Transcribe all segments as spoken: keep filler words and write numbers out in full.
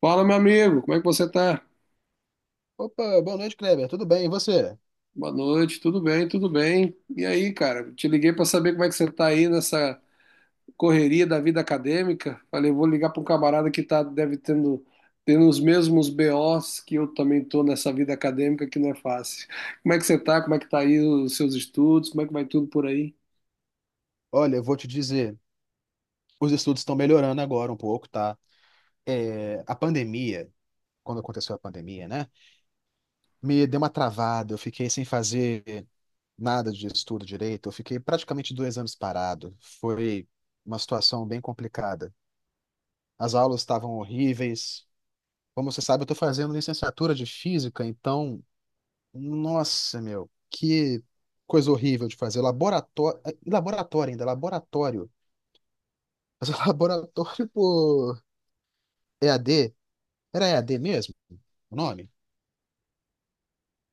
Fala, meu amigo, como é que você tá? Opa, boa noite, Kleber. Tudo bem? E você? Boa noite, tudo bem, tudo bem. E aí, cara, te liguei para saber como é que você tá aí nessa correria da vida acadêmica. Falei, vou ligar para um camarada que tá, deve tendo, tendo os mesmos B Os que eu também tô nessa vida acadêmica que não é fácil. Como é que você tá? Como é que tá aí os seus estudos? Como é que vai tudo por aí? Olha, eu vou te dizer, os estudos estão melhorando agora um pouco, tá? É, a pandemia, quando aconteceu a pandemia, né? Me deu uma travada, eu fiquei sem fazer nada de estudo direito, eu fiquei praticamente dois anos parado. Foi uma situação bem complicada. As aulas estavam horríveis. Como você sabe, eu estou fazendo licenciatura de física, então, nossa, meu, que coisa horrível de fazer. Laboratório, eh, laboratório ainda, laboratório. Mas o laboratório por E A D, era E A D mesmo o nome?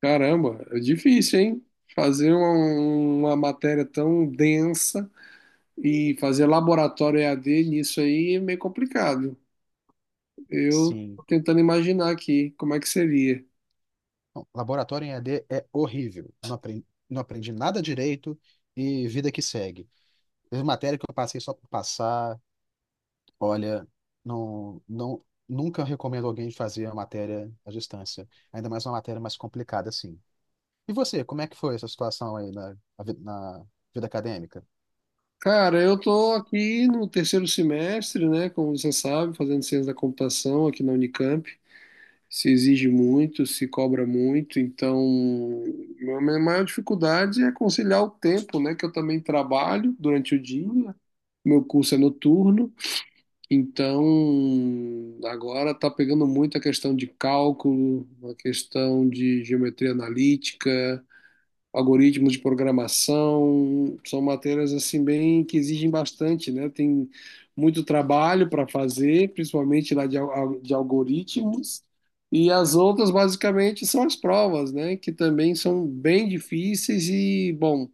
Caramba, é difícil, hein? Fazer uma, uma matéria tão densa e fazer laboratório e EAD nisso aí é meio complicado. Eu Sim. tô tentando imaginar aqui como é que seria. Não, laboratório em E A D é horrível. Não aprendi, não aprendi nada direito e vida que segue. Teve matéria que eu passei só por passar. Olha, não, não, nunca recomendo alguém fazer a matéria à distância. Ainda mais uma matéria mais complicada assim. E você, como é que foi essa situação aí na, na vida acadêmica? Cara, eu tô aqui no terceiro semestre, né? Como você sabe, fazendo ciência da computação aqui na Unicamp. Se exige muito, se cobra muito, então a minha maior dificuldade é conciliar o tempo, né? Que eu também trabalho durante o dia. Meu curso é noturno, então agora está pegando muito a questão de cálculo, a questão de geometria analítica, algoritmos de programação, são matérias assim bem que exigem bastante, né? Tem muito trabalho para fazer, principalmente lá de, al- de algoritmos, e as outras basicamente são as provas, né? Que também são bem difíceis e, bom,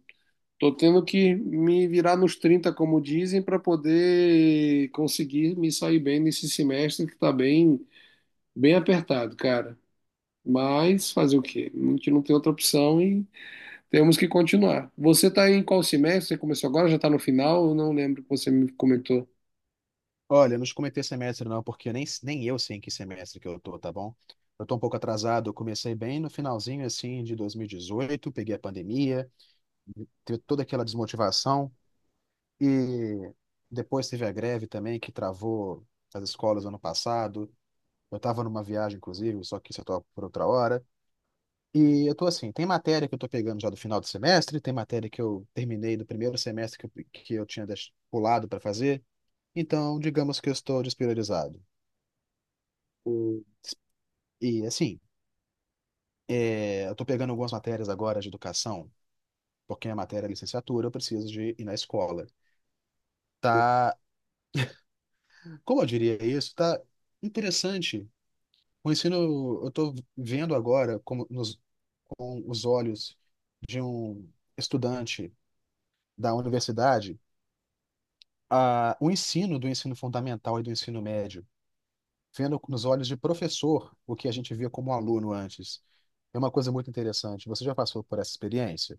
tô tendo que me virar nos trinta, como dizem, para poder conseguir me sair bem nesse semestre que está bem, bem apertado, cara. Mas fazer o quê? A gente não tem outra opção e temos que continuar. Você está em qual semestre? Você começou agora? Já está no final? Eu não lembro que você me comentou. Olha, eu não te comentei semestre não, porque eu nem, nem eu sei em que semestre que eu tô, tá bom? Eu tô um pouco atrasado, eu comecei bem no finalzinho, assim, de dois mil e dezoito, peguei a pandemia, teve toda aquela desmotivação, e depois teve a greve também, que travou as escolas ano passado. Eu tava numa viagem, inclusive, só que isso eu tô por outra hora. E eu tô assim, tem matéria que eu tô pegando já do final do semestre, tem matéria que eu terminei do primeiro semestre que eu, que eu tinha deix- pulado para fazer, então digamos que eu estou despriorizado. Hum. E assim, é, eu tô pegando algumas matérias agora de educação, porque a matéria é licenciatura, eu preciso de ir na escola. Tá, como eu diria isso, tá interessante. O ensino, eu tô vendo agora como nos com os olhos de um estudante da universidade, a, o ensino do ensino fundamental e do ensino médio, vendo nos olhos de professor o que a gente via como aluno antes. É uma coisa muito interessante. Você já passou por essa experiência?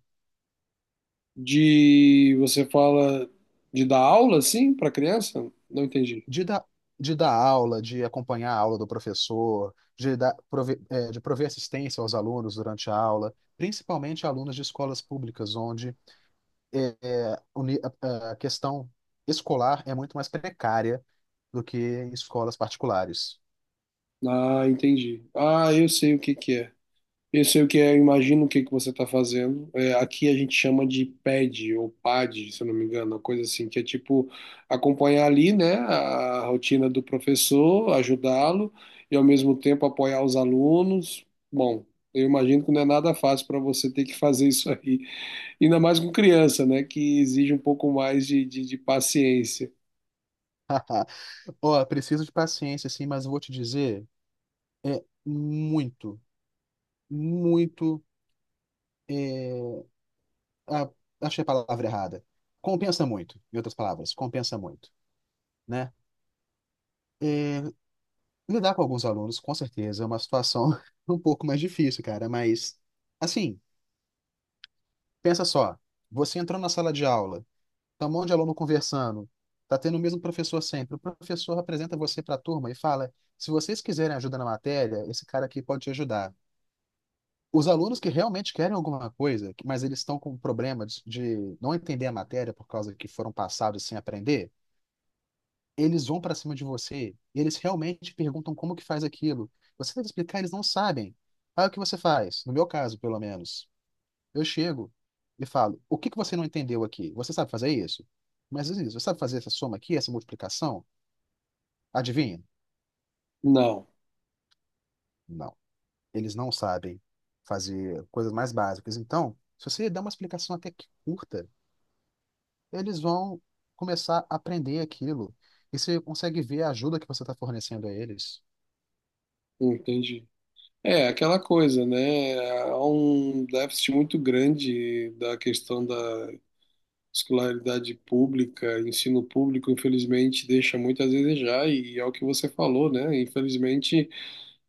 De você fala de dar aula, assim, para criança? Não entendi. de dar, de dar aula, de acompanhar a aula do professor, de dar, prove- eh, de prover assistência aos alunos durante a aula, principalmente alunos de escolas públicas, onde eh, eh, o ni- a a questão escolar é muito mais precária do que em escolas particulares. Ah, entendi. Ah, eu sei o que que é. Eu sei o que é, eu imagino o que que você está fazendo. É, aqui a gente chama de pad ou pad, se eu não me engano, uma coisa assim, que é tipo acompanhar ali, né, a rotina do professor, ajudá-lo e ao mesmo tempo apoiar os alunos. Bom, eu imagino que não é nada fácil para você ter que fazer isso aí, ainda mais com criança, né, que exige um pouco mais de, de, de paciência. Ó, preciso de paciência, sim, mas eu vou te dizer, é muito, muito, eh, ah, achei a palavra errada. Compensa muito, em outras palavras, compensa muito, né? É, Lidar com alguns alunos, com certeza, é uma situação um pouco mais difícil, cara, mas assim, pensa só, você entrou na sala de aula, tá um monte de aluno conversando, tá tendo o mesmo professor sempre, o professor apresenta você para a turma e fala: se vocês quiserem ajuda na matéria, esse cara aqui pode te ajudar. Os alunos que realmente querem alguma coisa, mas eles estão com problema de de não entender a matéria por causa que foram passados sem aprender, eles vão para cima de você, eles realmente perguntam como que faz aquilo. Você deve explicar, eles não sabem. Aí o que você faz? No meu caso, pelo menos. Eu chego e falo: o que que você não entendeu aqui? Você sabe fazer isso? Mas isso, você sabe fazer essa soma aqui, essa multiplicação? Adivinha? Não, Não. Eles não sabem fazer coisas mais básicas. Então, se você dá uma explicação até que curta, eles vão começar a aprender aquilo. E você consegue ver a ajuda que você está fornecendo a eles. entendi. É aquela coisa, né? Há um déficit muito grande da questão da escolaridade pública, ensino público, infelizmente, deixa muito a desejar, e é o que você falou, né? Infelizmente,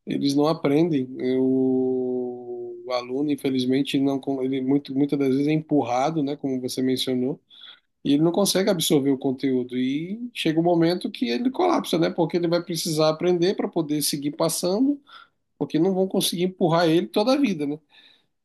eles não aprendem. O, o aluno, infelizmente, não, con- ele muito, muitas das vezes é empurrado, né? Como você mencionou, e ele não consegue absorver o conteúdo. E chega um momento que ele colapsa, né? Porque ele vai precisar aprender para poder seguir passando, porque não vão conseguir empurrar ele toda a vida, né?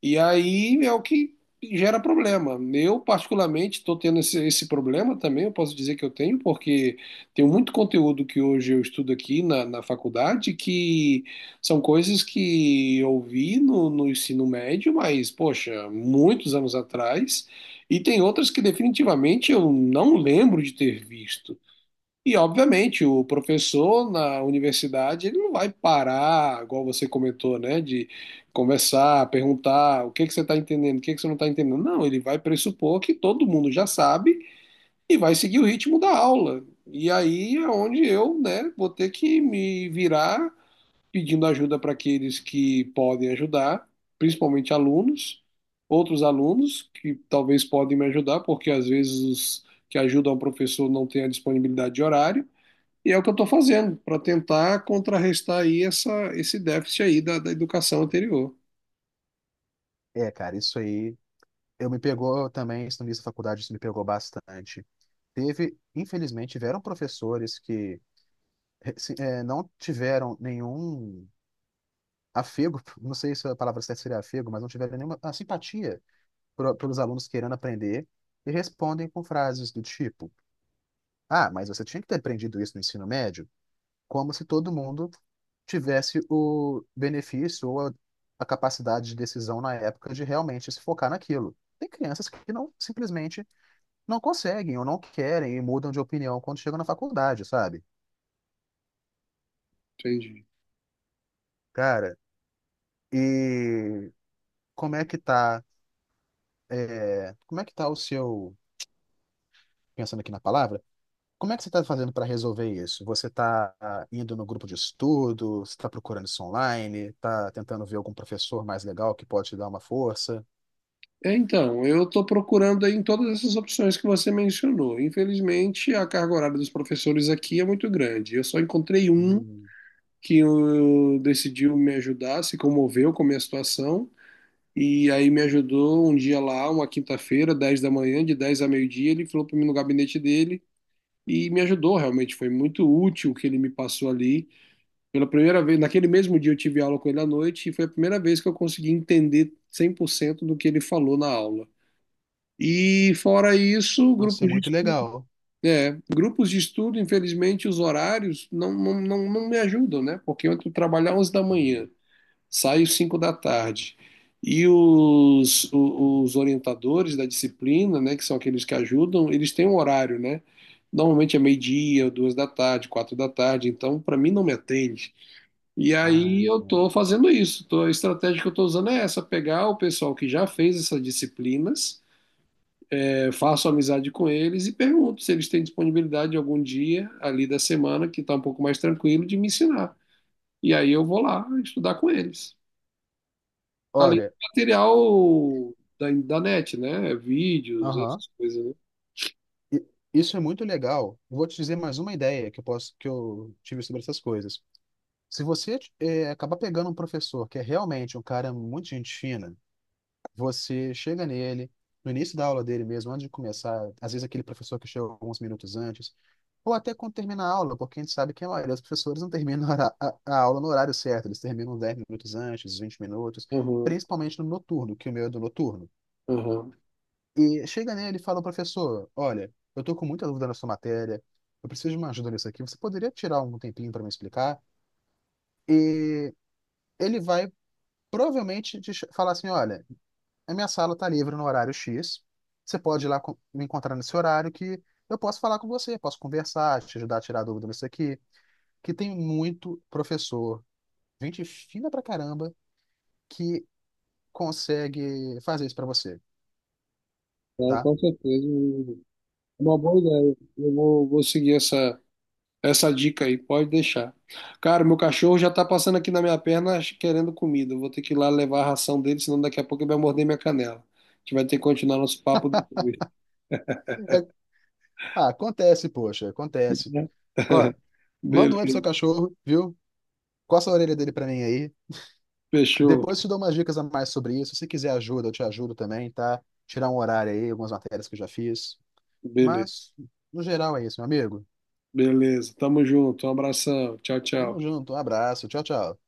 E aí é o que gera problema. Eu, particularmente, estou tendo esse, esse problema também, eu posso dizer que eu tenho, porque tem muito conteúdo que hoje eu estudo aqui na, na faculdade que são coisas que eu vi no, no ensino médio, mas, poxa, muitos anos atrás, e tem outras que definitivamente eu não lembro de ter visto. E, obviamente, o professor na universidade, ele não vai parar, igual você comentou, né, de conversar, perguntar o que que você está entendendo, o que que você não está entendendo. Não, ele vai pressupor que todo mundo já sabe e vai seguir o ritmo da aula. E aí é onde eu, né, vou ter que me virar pedindo ajuda para aqueles que podem ajudar, principalmente alunos, outros alunos que talvez podem me ajudar, porque às vezes os que ajudam o professor não têm a disponibilidade de horário. E é o que eu estou fazendo para tentar contrarrestar aí essa, esse déficit aí da, da educação anterior. É, cara, isso aí. Eu me pegou também, isso no início da faculdade, isso me pegou bastante. Teve, infelizmente, tiveram professores que eh, se- eh, não tiveram nenhum afego, não sei se a palavra certa seria afego, mas não tiveram nenhuma ah, simpatia pro- pelos alunos querendo aprender e respondem com frases do tipo: Ah, mas você tinha que ter aprendido isso no ensino médio? Como se todo mundo tivesse o benefício ou a a capacidade de decisão na época de realmente se focar naquilo. Tem crianças que não simplesmente não conseguem ou não querem e mudam de opinião quando chegam na faculdade, sabe? Entendi. Cara, e como é que tá, é, como é que tá o seu, pensando aqui na palavra, como é que você tá fazendo para resolver isso? Você tá ah, indo no grupo de estudo, você tá procurando isso online, tá tentando ver algum professor mais legal que pode te dar uma força? É, então, eu estou procurando aí em todas essas opções que você mencionou. Infelizmente, a carga horária dos professores aqui é muito grande. Eu só encontrei um Hum, que eu- decidiu me ajudar, se comoveu com a minha situação, e aí me ajudou um dia lá, uma quinta-feira, dez da manhã, de dez a meio-dia, ele falou para mim no gabinete dele e me ajudou, realmente foi muito útil o que ele me passou ali. Pela primeira vez, naquele mesmo dia eu tive aula com ele à noite e foi a primeira vez que eu consegui entender cem por cento do que ele falou na aula. E fora isso, nossa, é grupos de muito estudo, legal. é, grupos de estudo, infelizmente, os horários não, não, não, não me ajudam, né? Porque eu entro trabalhar onze da manhã, Hum, saio cinco da tarde. E os, o- os orientadores da disciplina, né, que são aqueles que ajudam, eles têm um horário, né? Normalmente é meio-dia, duas da tarde, quatro da tarde, então para mim não me atende. E ah, aí eu entendo. estou fazendo isso. Tô- a estratégia que eu estou usando é essa: pegar o pessoal que já fez essas disciplinas, é, faço amizade com eles e pergunto se eles têm disponibilidade algum dia ali da semana que está um pouco mais tranquilo de me ensinar. E aí eu vou lá estudar com eles. Além Olha, do material da, da net, né? Vídeos, aham. essas coisas, né? I- Isso é muito legal. Vou te dizer mais uma ideia que eu posso que eu tive sobre essas coisas. Se você eh, acabar pegando um professor que é realmente um cara muito gente fina, você chega nele, no início da aula dele mesmo, antes de começar, às vezes aquele professor que chega alguns minutos antes, ou até quando termina a aula, porque a gente sabe que a maioria dos professores não termina a, hora- a- a aula no horário certo, eles terminam dez minutos antes, vinte minutos, Aham, principalmente no noturno, que o meu é do noturno. aham. E chega nele e fala, professor, olha, eu tô com muita dúvida na sua matéria, eu preciso de uma ajuda nisso aqui, você poderia tirar um tempinho para me explicar? E ele vai provavelmente te ch- falar assim, olha, a minha sala está livre no horário X, você pode ir lá co- me encontrar nesse horário que eu posso falar com você, posso conversar, te ajudar a tirar dúvida nisso aqui, que tem muito professor, gente fina pra caramba, que consegue fazer isso pra você, Então, tá? com certeza. É uma boa ideia. Eu vou, vou seguir essa. Essa dica aí, pode deixar. Cara, meu cachorro já tá passando aqui na minha perna querendo comida. Eu vou ter que ir lá levar a ração dele, senão daqui a pouco ele vai morder minha canela. A gente vai ter que continuar nosso papo depois. É- ah, acontece, poxa, acontece. Ó, manda um oi pro Beleza, seu cachorro, viu? Coça a orelha dele pra mim aí. fechou. Depois te dou umas dicas a mais sobre isso. Se quiser ajuda, eu te ajudo também, tá? Tirar um horário aí, algumas matérias que eu já fiz. Beleza, Mas, no geral, é isso, meu amigo. beleza. Tamo junto. Um abração. Tchau, Tamo tchau. junto, um abraço, tchau, tchau.